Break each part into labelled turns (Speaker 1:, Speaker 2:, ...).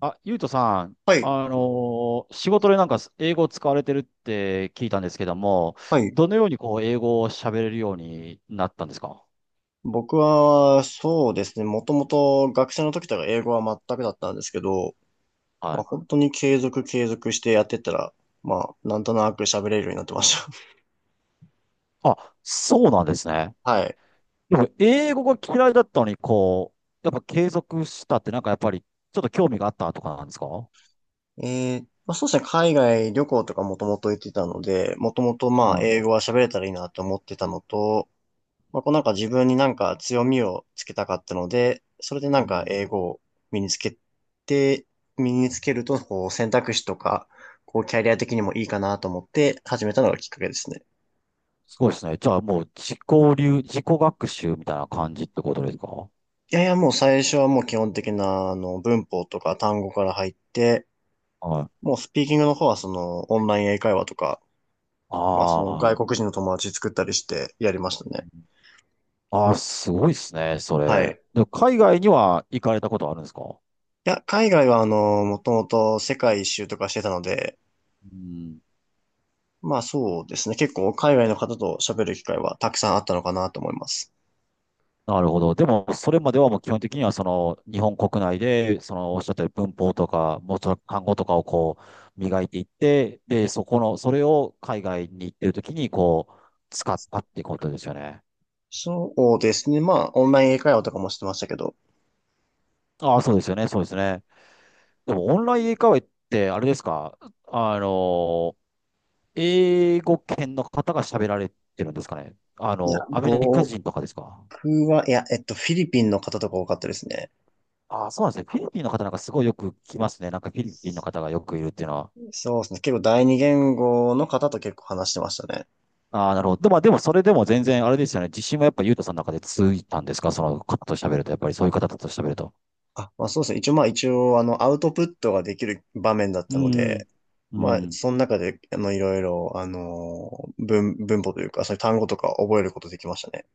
Speaker 1: あ、ゆうとさん、
Speaker 2: はい、
Speaker 1: 仕事でなんか英語を使われてるって聞いたんですけども、
Speaker 2: はい。
Speaker 1: どのようにこう英語を喋れるようになったんですか？
Speaker 2: 僕は、そうですね。もともと学生の時とか英語は全くだったんですけど、
Speaker 1: はい。
Speaker 2: 本当に継続してやってったら、なんとなく喋れるようになってまし
Speaker 1: あ、そうなんですね。
Speaker 2: た。はい。
Speaker 1: でも英語が嫌いだったのに、こう、やっぱ継続したってなんかやっぱりちょっと興味があったとかなんですか？
Speaker 2: そうですね。海外旅行とかもともと行ってたので、もともと
Speaker 1: は
Speaker 2: 英
Speaker 1: い。
Speaker 2: 語は喋れたらいいなと思ってたのと、自分になんか強みをつけたかったので、それでな
Speaker 1: う
Speaker 2: んか
Speaker 1: ん。
Speaker 2: 英語を身につけて、身につけると、こう選択肢とか、こうキャリア的にもいいかなと思って始めたのがきっかけですね。
Speaker 1: すごいですね。じゃあもう自己流、自己学習みたいな感じってことですか？は
Speaker 2: いやいや、もう最初はもう基本的な、文法とか単語から入って、
Speaker 1: い。
Speaker 2: もうスピーキングの方はその、オンライン英会話とか、
Speaker 1: あ
Speaker 2: その、外国
Speaker 1: あ。
Speaker 2: 人の友達作ったりしてやりましたね。
Speaker 1: ああ、すごいですね、そ
Speaker 2: はい。い
Speaker 1: れ。でも海外には行かれたことあるんですか？
Speaker 2: や、海外はあの、もともと世界一周とかしてたので、
Speaker 1: うん、
Speaker 2: まあそうですね。結構海外の方と喋る機会はたくさんあったのかなと思います。
Speaker 1: なるほど。でも、それまではもう基本的には、その、日本国内で、その、おっしゃったように文法とか、もうちょっと単語とかをこう、磨いていって、で、そこの、それを海外に行ってるときに、こう、使ったってことですよね。
Speaker 2: そうですね。まあオンライン英会話とかもしてましたけど。
Speaker 1: ああ、そうですよね、そうですね。でも、オンライン英会話って、あれですか？あの、英語圏の方が喋られてるんですかね？あ
Speaker 2: いや、
Speaker 1: の、アメリカ
Speaker 2: 僕
Speaker 1: 人とかですか？
Speaker 2: は、いや、フィリピンの方とか多かったですね。
Speaker 1: ああ、そうなんですね。フィリピンの方なんかすごいよく聞きますね。なんかフィリピンの方がよくいるっていうのは。
Speaker 2: そうですね。結構第二言語の方と結構話してましたね。
Speaker 1: ああ、なるほど。でまあでもそれでも全然あれですよね。自信はやっぱユートさんの中でついたんですか？その方と喋ると。やっぱりそういう方と喋ると。
Speaker 2: あ、まあそうですね。一応あのアウトプットができる場面だっ
Speaker 1: う
Speaker 2: たので、
Speaker 1: ん。う
Speaker 2: まあ
Speaker 1: ん。
Speaker 2: その中であのいろいろあの文法というかそういう単語とか覚えることできましたね。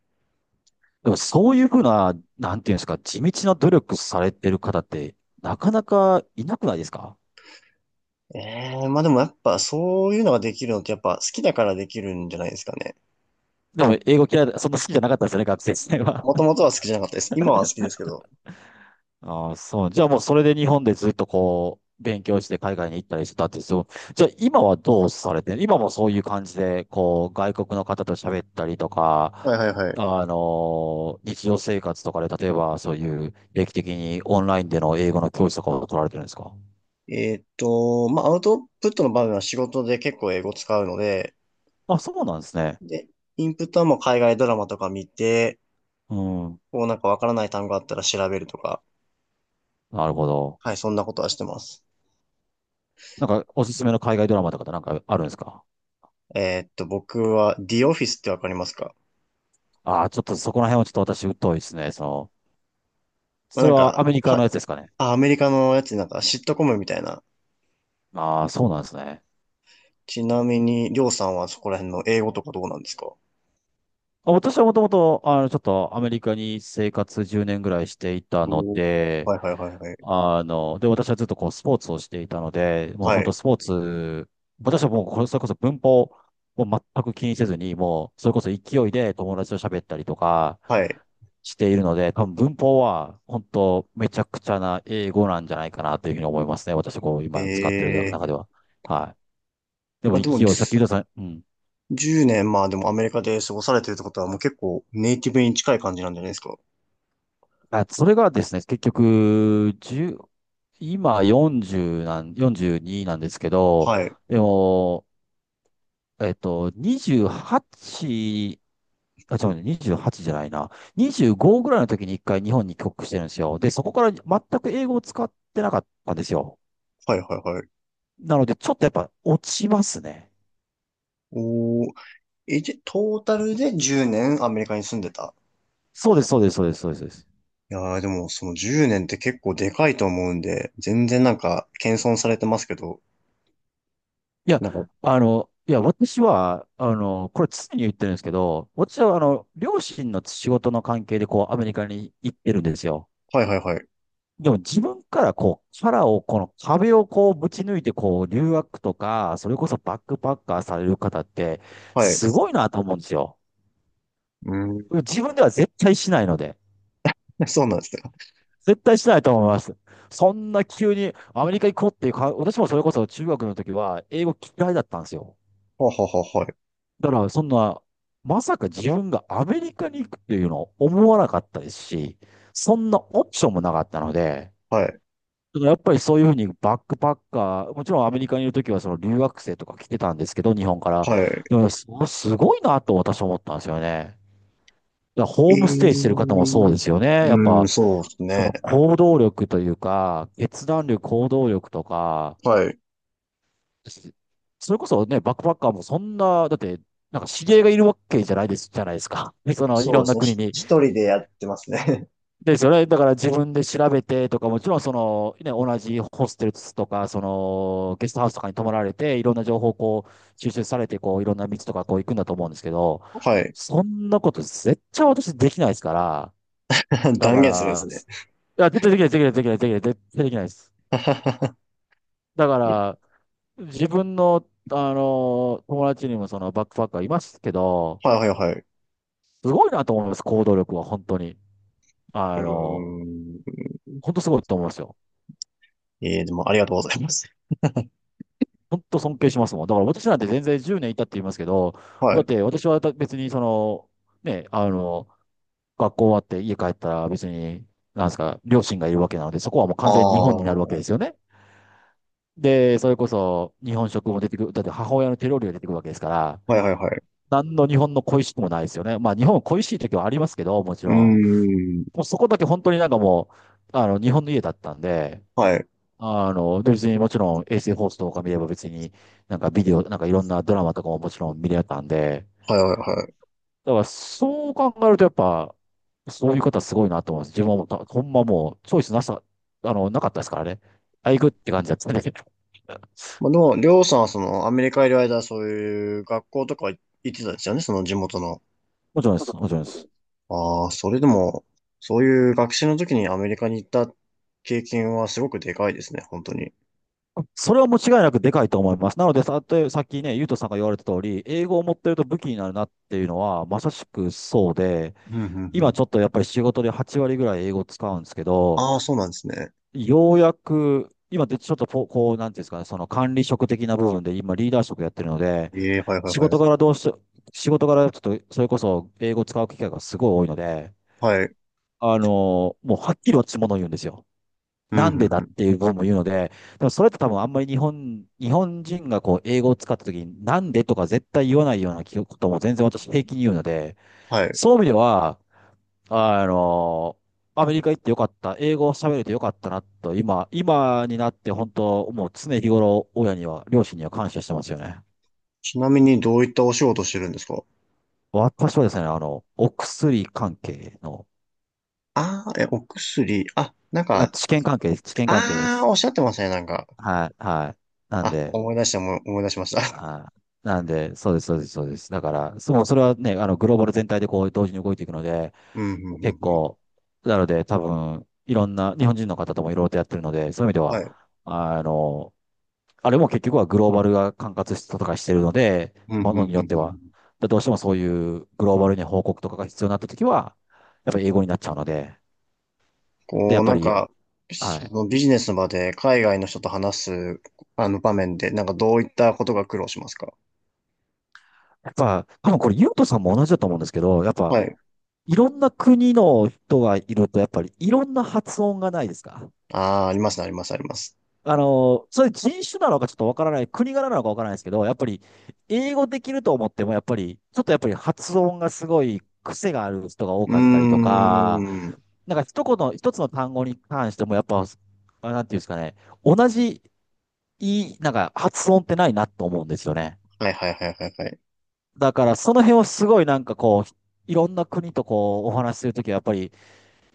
Speaker 1: でもそういうふうな、なんていうんですか、地道な努力されてる方ってなかなかいなくないですか？
Speaker 2: ええまあでもやっぱそういうのができるのってやっぱ好きだからできるんじゃないですかね。
Speaker 1: でも英語嫌いだ、そんな好きじゃなかったですよね、学生時代は。
Speaker 2: もともとは好きじゃなかったです。今は好きですけど。
Speaker 1: ああ、そう。じゃあもうそれで日本でずっとこう、勉強して海外に行ったりしてたってそう。じゃあ今はどうされてる？今もそういう感じで、こう、外国の方と喋ったりと
Speaker 2: はい
Speaker 1: か、
Speaker 2: はいはい。
Speaker 1: あの日常生活とかで、例えばそういう定期的にオンラインでの英語の教室とかを取られてるんですか？
Speaker 2: まあアウトプットの場面は仕事で結構英語使うので、
Speaker 1: あ、そうなんですね。
Speaker 2: で、インプットはもう海外ドラマとか見て、
Speaker 1: うん。
Speaker 2: こうなんかわからない単語あったら調べるとか、
Speaker 1: なるほど。
Speaker 2: はい、そんなことはしてます。
Speaker 1: なんかおすすめの海外ドラマとかってなんかあるんですか？
Speaker 2: 僕は The Office ってわかりますか？
Speaker 1: ああー、ちょっとそこら辺はちょっと私疎いですね。その、
Speaker 2: まあ
Speaker 1: そ
Speaker 2: な
Speaker 1: れ
Speaker 2: ん
Speaker 1: はア
Speaker 2: か、
Speaker 1: メリカ
Speaker 2: は
Speaker 1: の
Speaker 2: い。
Speaker 1: やつですかね。
Speaker 2: あ、アメリカのやつなんかシットコムみたいな。
Speaker 1: ああ、そうなんですね。
Speaker 2: ちなみに、りょうさんはそこら辺の英語とかどうなんですか？
Speaker 1: 私はもともと、あの、ちょっとアメリカに生活10年ぐらいしていたの
Speaker 2: おー、
Speaker 1: で、
Speaker 2: はいはいはいはい。
Speaker 1: あの、で、私はずっとこうスポーツをしていたので、もう
Speaker 2: は
Speaker 1: 本当
Speaker 2: い。
Speaker 1: スポーツ、私はもうこれそれこそ文法を全く気にせずに、もうそれこそ勢いで友達と喋ったりとか
Speaker 2: はい。
Speaker 1: しているので、多分文法は本当めちゃくちゃな英語なんじゃないかなというふうに思いますね。私こう今使ってる
Speaker 2: ええ
Speaker 1: 中では。はい。で
Speaker 2: ま
Speaker 1: も
Speaker 2: あでも、
Speaker 1: 勢い、さっき言った
Speaker 2: つ
Speaker 1: さん、うん。
Speaker 2: 10年、まあでもアメリカで過ごされてるってことはもう結構ネイティブに近い感じなんじゃないですか。
Speaker 1: あ、それがですね、結局、1今40なん、42なんですけど、
Speaker 2: はい。
Speaker 1: でも、28、あ、違うね、28じゅうはちじゃないな。25ぐらいの時に一回日本に帰国してるんですよ。で、そこから全く英語を使ってなかったんですよ。
Speaker 2: はいはいはい。
Speaker 1: なので、ちょっとやっぱ落ちますね。
Speaker 2: おー。え、じゃ、トータルで10年アメリカに住んでた。
Speaker 1: そうです、そうです、そうです、そうです。そうです。
Speaker 2: いやーでもその10年って結構でかいと思うんで、全然なんか謙遜されてますけど、
Speaker 1: いや、
Speaker 2: なんか、
Speaker 1: あの、いや、私は、あの、これ常に言ってるんですけど、私は、あの、両親の仕事の関係で、こう、アメリカに行ってるんですよ。
Speaker 2: はいはいはい。
Speaker 1: でも自分からこう、殻を、この壁をこう、ぶち抜いて、こう、留学とか、それこそバックパッカーされる方って、
Speaker 2: はい。う
Speaker 1: すごいなと思うんですよ。
Speaker 2: ーん。
Speaker 1: 自分では絶対しないので。
Speaker 2: そうなんですね。
Speaker 1: 絶対しないと思います。そんな急にアメリカ行こうっていうか、私もそれこそ中学の時は英語嫌いだったんですよ。
Speaker 2: はははは、はい。
Speaker 1: だから、そんな、まさか自分がアメリカに行くっていうのを思わなかったですし、そんなオプションもなかったので、
Speaker 2: はい。
Speaker 1: だからやっぱりそういうふうにバックパッカー、もちろんアメリカにいるときはその留学生とか来てたんですけど、日本から。
Speaker 2: は
Speaker 1: でもね、すすごいなと私は思ったんですよね。だから
Speaker 2: い。
Speaker 1: ホー
Speaker 2: え
Speaker 1: ムステイしてる方もそうで
Speaker 2: ー。
Speaker 1: すよね。やっ
Speaker 2: うん、
Speaker 1: ぱ、
Speaker 2: そうです
Speaker 1: そ
Speaker 2: ね。
Speaker 1: の行動力というか、決断力、行動力とか、
Speaker 2: はい。
Speaker 1: しそれこそね、バックパッカーもそんな、だって、なんか知り合いがいるわけじゃないです、じゃないですか。その、い
Speaker 2: そう
Speaker 1: ろ
Speaker 2: で
Speaker 1: ん
Speaker 2: す
Speaker 1: な
Speaker 2: ね。
Speaker 1: 国に。
Speaker 2: 一人でやってますね。
Speaker 1: ですよね。だから自分で調べてとか、もちろんその、ね、同じホステルとか、その、ゲストハウスとかに泊まられて、いろんな情報をこう、収集されて、こう、いろんな道とかこう行くんだと思うんですけど、
Speaker 2: はい。
Speaker 1: そんなこと絶対私できないですから、だ
Speaker 2: 断
Speaker 1: か
Speaker 2: 言するんで
Speaker 1: ら、
Speaker 2: すね。
Speaker 1: いや、絶対できない、できない、できない、できない、絶対できないです。だから、自分の、あの、友達にもそのバックパッカーいますけど、
Speaker 2: はいはいはい。
Speaker 1: すごいなと思います、行動力は本当に。
Speaker 2: う
Speaker 1: あの、
Speaker 2: ーん。
Speaker 1: 本当すごいと思いますよ。
Speaker 2: えー、でもありがとうございます。
Speaker 1: 本当尊敬しますもん。だから私なんて全然10年いたって言いますけど、
Speaker 2: は
Speaker 1: だっ
Speaker 2: い。
Speaker 1: て私は別にその、ね、あの、学校終わって家帰ったら別に、なんですか、両親がいるわけなので、そこはもう
Speaker 2: あ
Speaker 1: 完全に日本
Speaker 2: あ。
Speaker 1: になるわけ
Speaker 2: は
Speaker 1: ですよね。で、それこそ日本食も出てくる、だって母親の手料理が出てくるわけですから、
Speaker 2: いはいはい。
Speaker 1: 何の日本の恋しくもないですよね。まあ日本は恋しい時はありますけど、もち
Speaker 2: う
Speaker 1: ろん。
Speaker 2: ーん。
Speaker 1: もうそこだけ本当になんかもう、あの、日本の家だったんで、
Speaker 2: はい。
Speaker 1: あの、で別にもちろん衛星放送とか見れば別になんかビデオ、なんかいろんなドラマとかももちろん見れたんで、
Speaker 2: はいはいはい。
Speaker 1: だからそう考えるとやっぱ、そういう方すごいなと思います。自分はもうた、ほんまもうチョイスなさ、あの、なかったですからね。あ、行くって感じだったんだけど。
Speaker 2: まあでも、りょうさんはそのアメリカいる間、そういう学校とか行ってたんですよね、その地元の。
Speaker 1: もちろんです。もちろんです。
Speaker 2: ああ、それでも、そういう学習の時にアメリカに行った経験はすごくでかいですね、本当に。
Speaker 1: それはもう違いなくでかいと思います。なので、さ、とさっきね、ゆうとさんが言われた通り、英語を持ってると武器になるなっていうのは、まさしくそうで、
Speaker 2: うんうんう
Speaker 1: 今
Speaker 2: ん。
Speaker 1: ちょっとやっぱり仕事で8割ぐらい英語を使うんですけど、
Speaker 2: ああ、そうなんですね。
Speaker 1: ようやく、今でちょっとこう、こうなんていうんですかね、その管理職的な部分で今リーダー職やってるので、
Speaker 2: ええ、はいはい
Speaker 1: 仕
Speaker 2: は
Speaker 1: 事か
Speaker 2: い。
Speaker 1: らどうし、仕事からちょっとそれこそ英語を使う機会がすごい多いので、
Speaker 2: はい。
Speaker 1: あの、もうはっきり落ち物を言うんですよ。
Speaker 2: うん、
Speaker 1: な
Speaker 2: う
Speaker 1: んで
Speaker 2: ん、
Speaker 1: だ
Speaker 2: う
Speaker 1: っ
Speaker 2: ん。
Speaker 1: ていう部分も言うので、でもそれって多分あんまり日本、日本人がこう英語を使った時になんでとか絶対言わないようなことも全然私平気に言うので、
Speaker 2: はい。
Speaker 1: そういう意味では、あの、アメリカ行ってよかった。英語を喋れてよかったなと、今、今になって本当、もう常日頃、親には、両親には感謝してますよね。
Speaker 2: ちなみにどういったお仕事してるんですか？
Speaker 1: 私はですね、あの、お薬関係の、
Speaker 2: ああー、え、お薬。あ、なん
Speaker 1: あ、
Speaker 2: か、
Speaker 1: 治験関係です。治験関係で
Speaker 2: ああ、
Speaker 1: す。
Speaker 2: おっしゃってましたね、なんか。
Speaker 1: はい、はい。なん
Speaker 2: あ、
Speaker 1: で、
Speaker 2: 思い出しました。
Speaker 1: はい。なんで、そうです、そうです、そうです。だから、そう、それはね、あの、グローバル全体でこう、同時に動いていくので、
Speaker 2: うん、うん、うん、
Speaker 1: 結
Speaker 2: うん。
Speaker 1: 構、なので、多分、いろんな、日本人の方ともいろいろとやってるので、そういう意味で
Speaker 2: は
Speaker 1: は、
Speaker 2: い。
Speaker 1: あの、あれも結局はグローバルが管轄とかしてるので、
Speaker 2: うん、うん、
Speaker 1: もの
Speaker 2: う
Speaker 1: に
Speaker 2: ん、う
Speaker 1: よっては。
Speaker 2: ん。
Speaker 1: だどうしてもそういうグローバルに報告とかが必要になったときは、やっぱり英語になっちゃうので、で、や
Speaker 2: こう、
Speaker 1: っぱ
Speaker 2: なん
Speaker 1: り、
Speaker 2: か、
Speaker 1: は
Speaker 2: そ
Speaker 1: い。
Speaker 2: のビジネスの場で海外の人と話す、あの場面で、なんかどういったことが苦労しますか？
Speaker 1: やっぱ、多分これ、ゆうとさんも同じだと思うんですけど、やっぱ、
Speaker 2: はい。
Speaker 1: いろんな国の人がいると、やっぱりいろんな発音がないですか？
Speaker 2: ああ、ありますね、あります、あります。
Speaker 1: あの、それ人種なのかちょっとわからない、国柄なのかわからないですけど、やっぱり英語できると思っても、やっぱり、ちょっとやっぱり発音がすごい癖がある人が多
Speaker 2: うー
Speaker 1: かったりとか、
Speaker 2: ん。
Speaker 1: なんか一言、一つの単語に関しても、やっぱ、あなんていうんですかね、同じ、いい、なんか発音ってないなと思うんですよね。
Speaker 2: はい、はい、はい、はい、はい。
Speaker 1: だからその辺をすごいなんかこう、いろんな国とこう、お話しするときはやっぱり、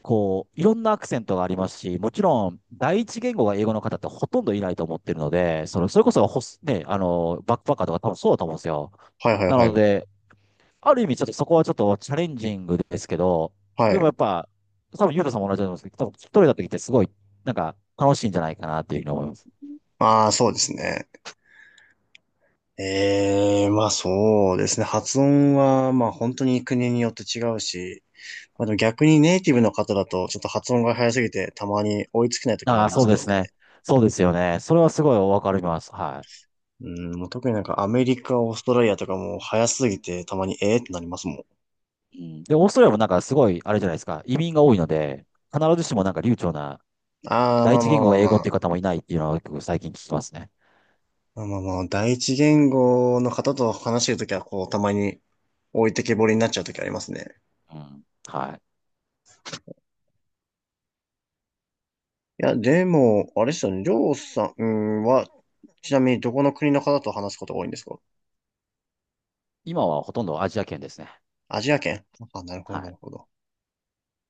Speaker 1: こう、いろんなアクセントがありますし、もちろん、第一言語が英語の方ってほとんどいないと思ってるので、その、それこそホス、ね、あの、バックパッカーとか多分そうだと思うんですよ。
Speaker 2: はい、はい、
Speaker 1: な
Speaker 2: は
Speaker 1: の
Speaker 2: い。
Speaker 1: で、ある意味ちょっとそこはちょっとチャレンジングですけど、
Speaker 2: は
Speaker 1: でも
Speaker 2: い。
Speaker 1: やっぱ、多分ユータさんも同じだと思うんですけど、多分一人だときってすごい、なんか楽しいんじゃないかなっていうふうに思います。
Speaker 2: ああ、そうですね。ええまあそうですね。発音は、まあ本当に国によって違うし、まあでも逆にネイティブの方だと、ちょっと発音が早すぎて、たまに追いつけない時もあ
Speaker 1: あ
Speaker 2: り
Speaker 1: あ、
Speaker 2: ま
Speaker 1: そ
Speaker 2: す
Speaker 1: う
Speaker 2: け
Speaker 1: で
Speaker 2: ど
Speaker 1: す
Speaker 2: ね。
Speaker 1: ね。そうですよね。それはすごいわかります。は
Speaker 2: うん、もう特になんかアメリカ、オーストラリアとかも早すぎて、たまにええってなりますもん。
Speaker 1: い。うん。で、オーストラリアもなんかすごい、あれじゃないですか、移民が多いので、必ずしもなんか流暢な
Speaker 2: ああ、
Speaker 1: 第
Speaker 2: まあ
Speaker 1: 一
Speaker 2: ま
Speaker 1: 言
Speaker 2: あ
Speaker 1: 語
Speaker 2: まあ
Speaker 1: が英
Speaker 2: ま
Speaker 1: 語っていう
Speaker 2: あ。
Speaker 1: 方もいないっていうのは結構最近聞きますね。
Speaker 2: まあまあまあ、第一言語の方と話してるときは、こう、たまに置いてけぼりになっちゃうときありますね。
Speaker 1: うん。はい。
Speaker 2: いや、でも、あれですよね。りょうさんは、ちなみにどこの国の方と話すことが多いんですか？
Speaker 1: 今はほとんどアジア圏ですね。
Speaker 2: アジア圏。あ、なるほ
Speaker 1: は
Speaker 2: ど、な
Speaker 1: い。
Speaker 2: るほど。